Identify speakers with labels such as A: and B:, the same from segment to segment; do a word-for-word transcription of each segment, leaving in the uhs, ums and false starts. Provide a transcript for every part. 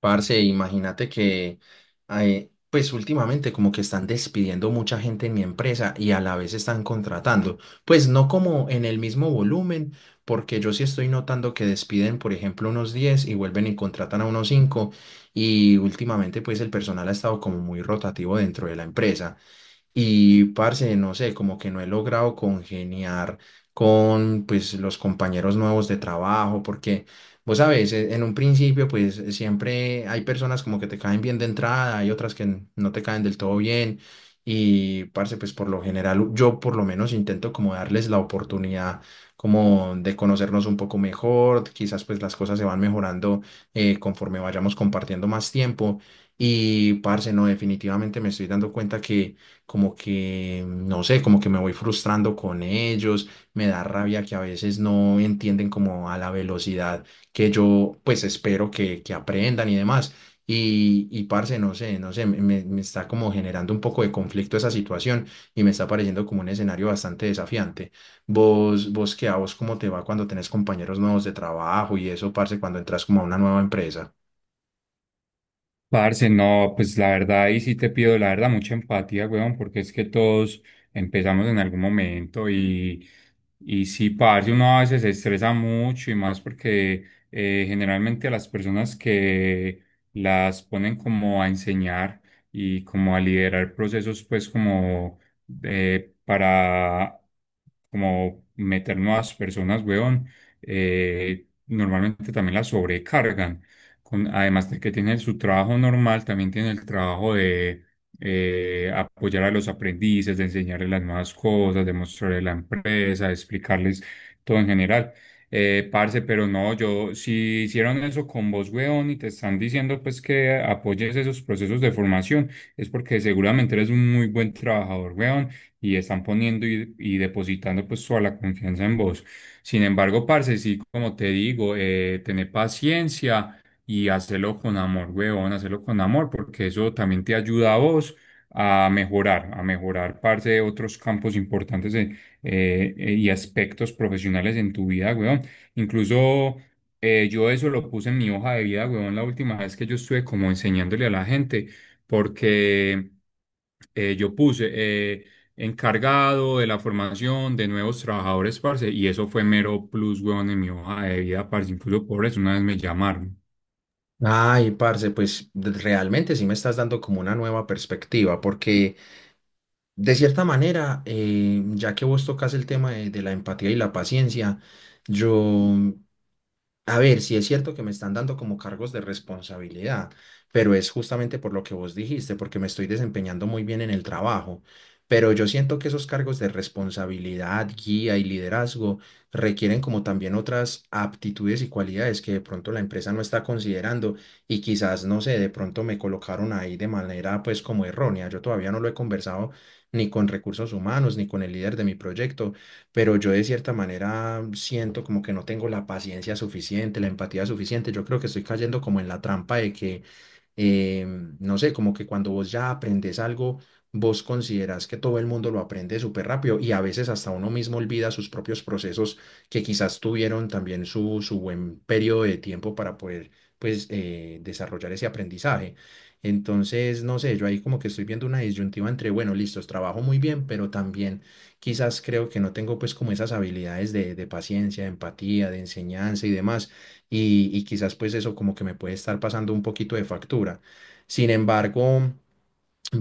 A: Parce, imagínate que, eh, pues últimamente como que están despidiendo mucha gente en mi empresa y a la vez están contratando. Pues no como en el mismo volumen, porque yo sí estoy notando que despiden, por ejemplo, unos diez y vuelven y contratan a unos cinco, y últimamente pues el personal ha estado como muy rotativo dentro de la empresa. Y, parce, no sé, como que no he logrado congeniar con, pues, los compañeros nuevos de trabajo, porque, vos sabes, e- en un principio, pues, siempre hay personas como que te caen bien de entrada, hay otras que n- no te caen del todo bien. Y, parce, pues, por lo general, yo por lo menos intento como darles la oportunidad como de conocernos un poco mejor, quizás pues las cosas se van mejorando eh, conforme vayamos compartiendo más tiempo. Y, parce, no, definitivamente me estoy dando cuenta que como que, no sé, como que me voy frustrando con ellos, me da rabia que a veces no entienden como a la velocidad que yo pues espero que, que aprendan y demás. Y, y parce, no sé, no sé, me, me me está como generando un poco de conflicto esa situación y me está pareciendo como un escenario bastante desafiante. Vos, vos qué, a vos cómo te va cuando tenés compañeros nuevos de trabajo y eso, parce, cuando entras como a una nueva empresa.
B: Parce, no, pues la verdad, ahí sí te pido, la verdad, mucha empatía, weón, porque es que todos empezamos en algún momento y, y sí, parce, uno a veces se estresa mucho y más porque eh, generalmente a las personas que las ponen como a enseñar y como a liderar procesos, pues como eh, para como meter nuevas personas, weón, eh, normalmente también las sobrecargan con- además de que tiene su trabajo normal, también tiene el trabajo de eh, apoyar a los aprendices, de enseñarles las nuevas cosas, de mostrarles la empresa, de explicarles todo en general. Eh, parce, pero no, yo, si hicieron eso con vos, weón, y te están diciendo pues que apoyes esos procesos de formación, es porque seguramente eres un muy buen trabajador, weón, y están poniendo y, y depositando pues toda la confianza en vos. Sin embargo, parce, sí, como te digo, eh, tener paciencia y hacerlo con amor, weón, hacerlo con amor, porque eso también te ayuda a vos a mejorar, a mejorar parte de otros campos importantes de- eh, eh, y aspectos profesionales en tu vida, weón. Incluso eh, yo eso lo puse en mi hoja de vida, weón, la última vez que yo estuve como enseñándole a la gente, porque eh, yo puse... eh, encargado de la formación de nuevos trabajadores, parce, y eso fue mero plus, weón, en mi hoja de vida, parce, incluso por eso una vez me llamaron.
A: Ay, parce, pues de- realmente sí me estás dando como una nueva perspectiva, porque de cierta manera, eh, ya que vos tocas el tema de, de la empatía y la paciencia, yo, a ver, sí es cierto que me están dando como cargos de responsabilidad, pero es justamente por lo que vos dijiste, porque me estoy desempeñando muy bien en el trabajo. Pero yo siento que esos cargos de responsabilidad, guía y liderazgo requieren como también otras aptitudes y cualidades que de pronto la empresa no está considerando y quizás, no sé, de pronto me colocaron ahí de manera pues como errónea. Yo todavía no lo he conversado ni con recursos humanos ni con el líder de mi proyecto, pero yo de cierta manera siento como que no tengo la paciencia suficiente, la empatía suficiente. Yo creo que estoy cayendo como en la trampa de que eh, no sé, como que cuando vos ya aprendes algo, vos considerás que todo el mundo lo aprende súper rápido y a veces hasta uno mismo olvida sus propios procesos que quizás tuvieron también su, su buen periodo de tiempo para poder pues eh, desarrollar ese aprendizaje. Entonces, no sé, yo ahí como que estoy viendo una disyuntiva entre, bueno, listos, trabajo muy bien, pero también quizás creo que no tengo pues como esas habilidades de, de paciencia, de empatía, de enseñanza y demás, y, y quizás pues eso como que me puede estar pasando un poquito de factura. Sin embargo,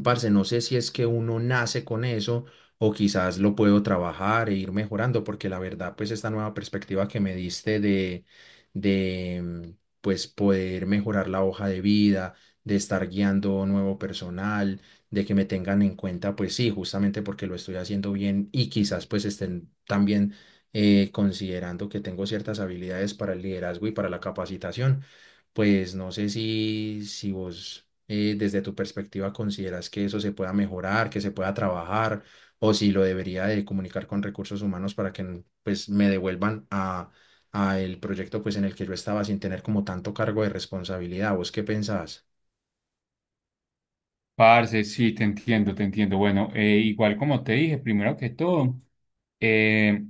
A: parce, no sé si es que uno nace con eso o quizás lo puedo trabajar e ir mejorando, porque la verdad, pues esta nueva perspectiva que me diste de, de, mm, pues poder mejorar la hoja de vida, de estar guiando nuevo personal, de que me tengan en cuenta, pues sí, justamente porque lo estoy haciendo bien y quizás pues estén también eh, considerando que tengo ciertas habilidades para el liderazgo y para la capacitación, pues no sé si, si vos eh, desde tu perspectiva consideras que eso se pueda mejorar, que se pueda trabajar, o si lo debería de comunicar con recursos humanos para que n- pues me devuelvan a, a el proyecto pues en el que yo estaba sin tener como tanto cargo de responsabilidad. ¿Vos qué pensás?
B: Parce, sí, te entiendo, te entiendo. Bueno, eh, igual como te dije, primero que todo, eh,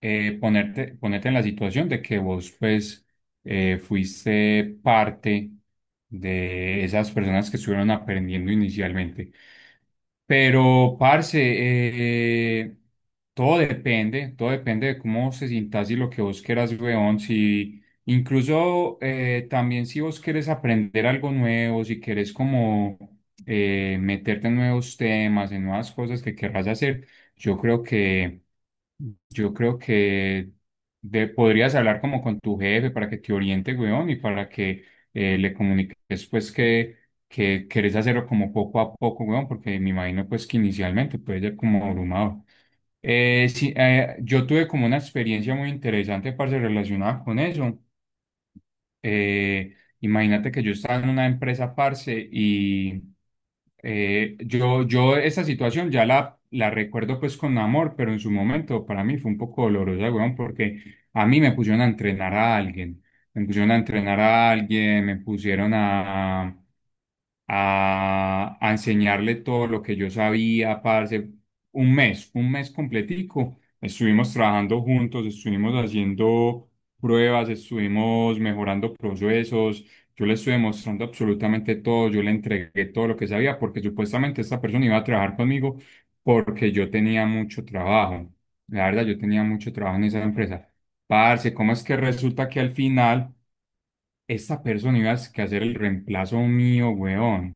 B: eh, ponerte, ponerte en la situación de que vos, pues, eh, fuiste parte de esas personas que estuvieron aprendiendo inicialmente. Pero, parce, eh, todo depende, todo depende de cómo se sientas y lo que vos quieras, weón. Si, incluso eh, también si vos quieres aprender algo nuevo, si quieres como eh, meterte en nuevos temas, en nuevas cosas que querrás hacer, yo creo que yo creo que de- podrías hablar como con tu jefe para que te oriente, weón, y para que eh, le comuniques pues que, que querés hacerlo como poco a poco, weón, porque me imagino pues que inicialmente puede ser como abrumado. Eh, sí, eh, yo tuve como una experiencia muy interesante, parce, relacionada con eso. Eh, Imagínate que yo estaba en una empresa, parce, y eh, yo, yo esa situación ya la, la recuerdo pues con amor, pero en su momento para mí fue un poco dolorosa, weón, porque a mí me pusieron a entrenar a alguien, me pusieron a entrenar a alguien, me pusieron a, a, a enseñarle todo lo que yo sabía, parce. Un mes, un mes completico. Estuvimos trabajando juntos, estuvimos haciendo pruebas, estuvimos mejorando procesos. Yo le estuve mostrando absolutamente todo, yo le entregué todo lo que sabía, porque supuestamente esta persona iba a trabajar conmigo porque yo tenía mucho trabajo. La verdad, yo tenía mucho trabajo en esa empresa. Parce, ¿cómo es que resulta que al final... esta persona ibas que hacer el reemplazo mío, weón?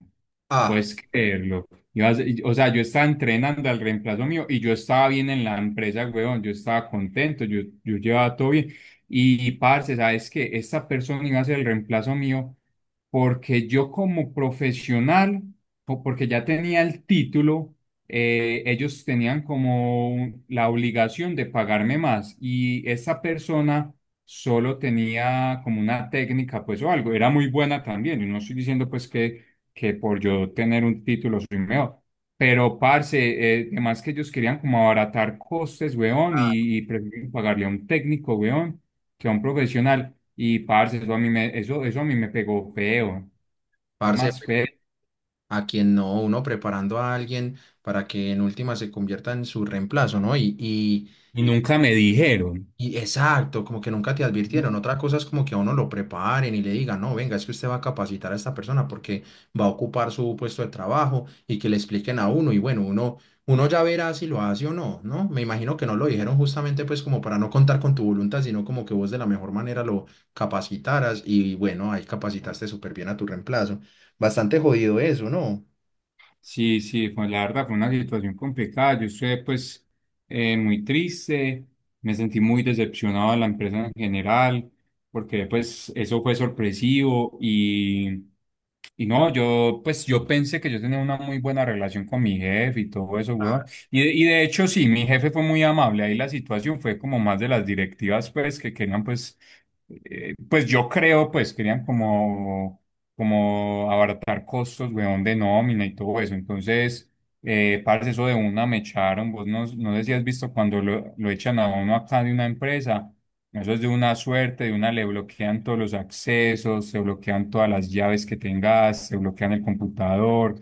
A: Ah,
B: ¿Puedes creerlo? Ibas- o sea, yo estaba entrenando al reemplazo mío y yo estaba bien en la empresa, weón. Yo estaba contento, yo, yo llevaba todo bien. Y, parce, ¿sabes qué? Esta persona iba a ser el reemplazo mío porque yo como profesional, o porque ya tenía el título, eh, ellos tenían como la obligación de pagarme más. Y esa persona solo tenía como una técnica, pues o algo, era muy buena también. Yo no estoy diciendo pues que, que por yo tener un título soy mejor, pero parce, eh, además que ellos querían como abaratar costes, weón,
A: ah,
B: y, y prefieren pagarle a un técnico, weón, que a un profesional. Y parce, eso a mí me, eso, eso a mí me pegó feo, fue
A: Parce,
B: más
A: pues,
B: feo.
A: a quien no, uno preparando a alguien para que en última se convierta en su reemplazo, ¿no? Y, y,
B: Y nunca me dijeron.
A: Y exacto, como que nunca te advirtieron. Otra cosa es como que a uno lo preparen y le digan, no, venga, es que usted va a capacitar a esta persona porque va a ocupar su puesto de trabajo y que le expliquen a uno. Y bueno, uno, uno ya verá si lo hace o no, ¿no? Me imagino que no lo dijeron justamente pues como para no contar con tu voluntad, sino como que vos de la mejor manera lo capacitaras y bueno, ahí capacitaste súper bien a tu reemplazo. Bastante jodido eso, ¿no?
B: Sí, sí, fue, la verdad fue una situación complicada. Yo estuve pues eh, muy triste, me sentí muy decepcionado de la empresa en general, porque pues eso fue sorpresivo y, y no, yo pues yo pensé que yo tenía una muy buena relación con mi jefe y todo eso, weón. Y, de- y de hecho sí, mi jefe fue muy amable, ahí la situación fue como más de las directivas pues que querían pues, eh, pues yo creo pues querían como como abaratar costos, weón, de nómina y todo eso. Entonces, eh, parce, eso de una me echaron. Vos no, no sé si has visto cuando lo, lo echan a uno acá de una empresa. Eso es de una suerte, de una le bloquean todos los accesos, se bloquean todas las llaves que tengas, se bloquean el computador.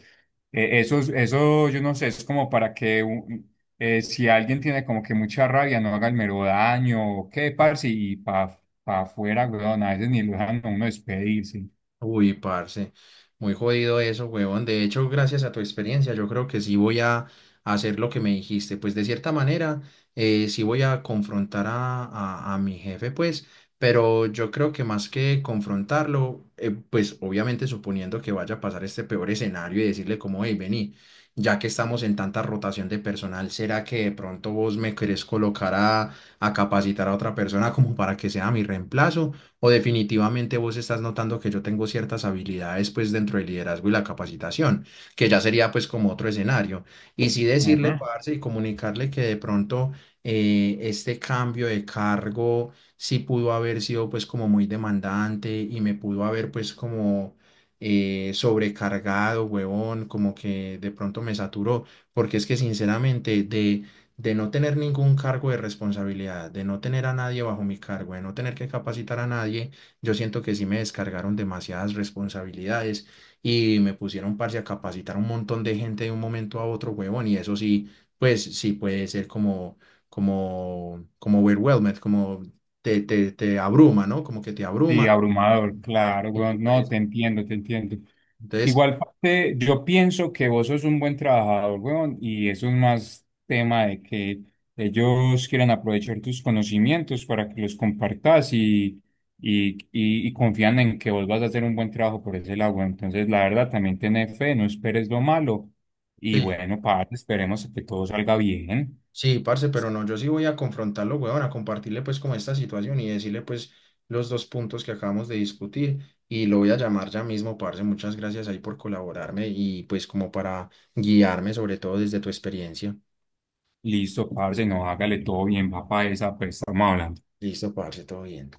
B: Eh, eso, es- eso, yo no sé, es como para que un- eh, si alguien tiene como que mucha rabia, no haga el mero daño o qué, parce, y pa, pa afuera, weón, a veces ni lo dejan a uno despedirse.
A: Uy, parce, muy jodido eso, huevón. De hecho, gracias a tu experiencia, yo creo que sí voy a hacer lo que me dijiste. Pues de cierta manera, eh, sí voy a confrontar a, a- a mi jefe, pues, pero yo creo que más que confrontarlo, eh, pues obviamente suponiendo que vaya a pasar este peor escenario y decirle como, hey, vení, ya que estamos en tanta rotación de personal, ¿será que de pronto vos me querés colocar a, a capacitar a otra persona como para que sea mi reemplazo? ¿O definitivamente vos estás notando que yo tengo ciertas habilidades pues dentro del liderazgo y la capacitación, que ya sería pues como otro escenario? Y sí decirle,
B: Ujú.
A: parce, y comunicarle que de pronto eh, este cambio de cargo sí pudo haber sido pues como muy demandante y me pudo haber pues como... eh, sobrecargado, huevón, como que de pronto me saturó, porque es que sinceramente de, de no tener ningún cargo de responsabilidad, de no tener a nadie bajo mi cargo, de no tener que capacitar a nadie, yo siento que sí me descargaron demasiadas responsabilidades y me pusieron parce a capacitar a un montón de gente de un momento a otro, huevón, y eso sí, pues sí puede ser como, como, como overwhelmed, como te, te, te abruma, ¿no? Como que te
B: Sí,
A: abruma
B: abrumador, claro,
A: y
B: weón. No,
A: pues,
B: te entiendo, te entiendo.
A: entonces...
B: Igual parte, yo pienso que vos sos un buen trabajador, weón, y eso es más tema de que ellos quieran aprovechar tus conocimientos para que los compartas y, y, y, y confían en que vos vas a hacer un buen trabajo por ese lado, weón. Entonces, la verdad, también tené fe, no esperes lo malo. Y
A: Sí,
B: bueno, parce, esperemos que todo salga bien.
A: sí, parce, pero no, yo sí voy a confrontarlo, weón, a compartirle pues como esta situación y decirle pues los dos puntos que acabamos de discutir, y lo voy a llamar ya mismo, parce, muchas gracias ahí por colaborarme y pues como para guiarme sobre todo desde tu experiencia.
B: Listo, parce, no, hágale todo bien, papá, esa, pues estamos hablando.
A: Listo, parce, todo bien.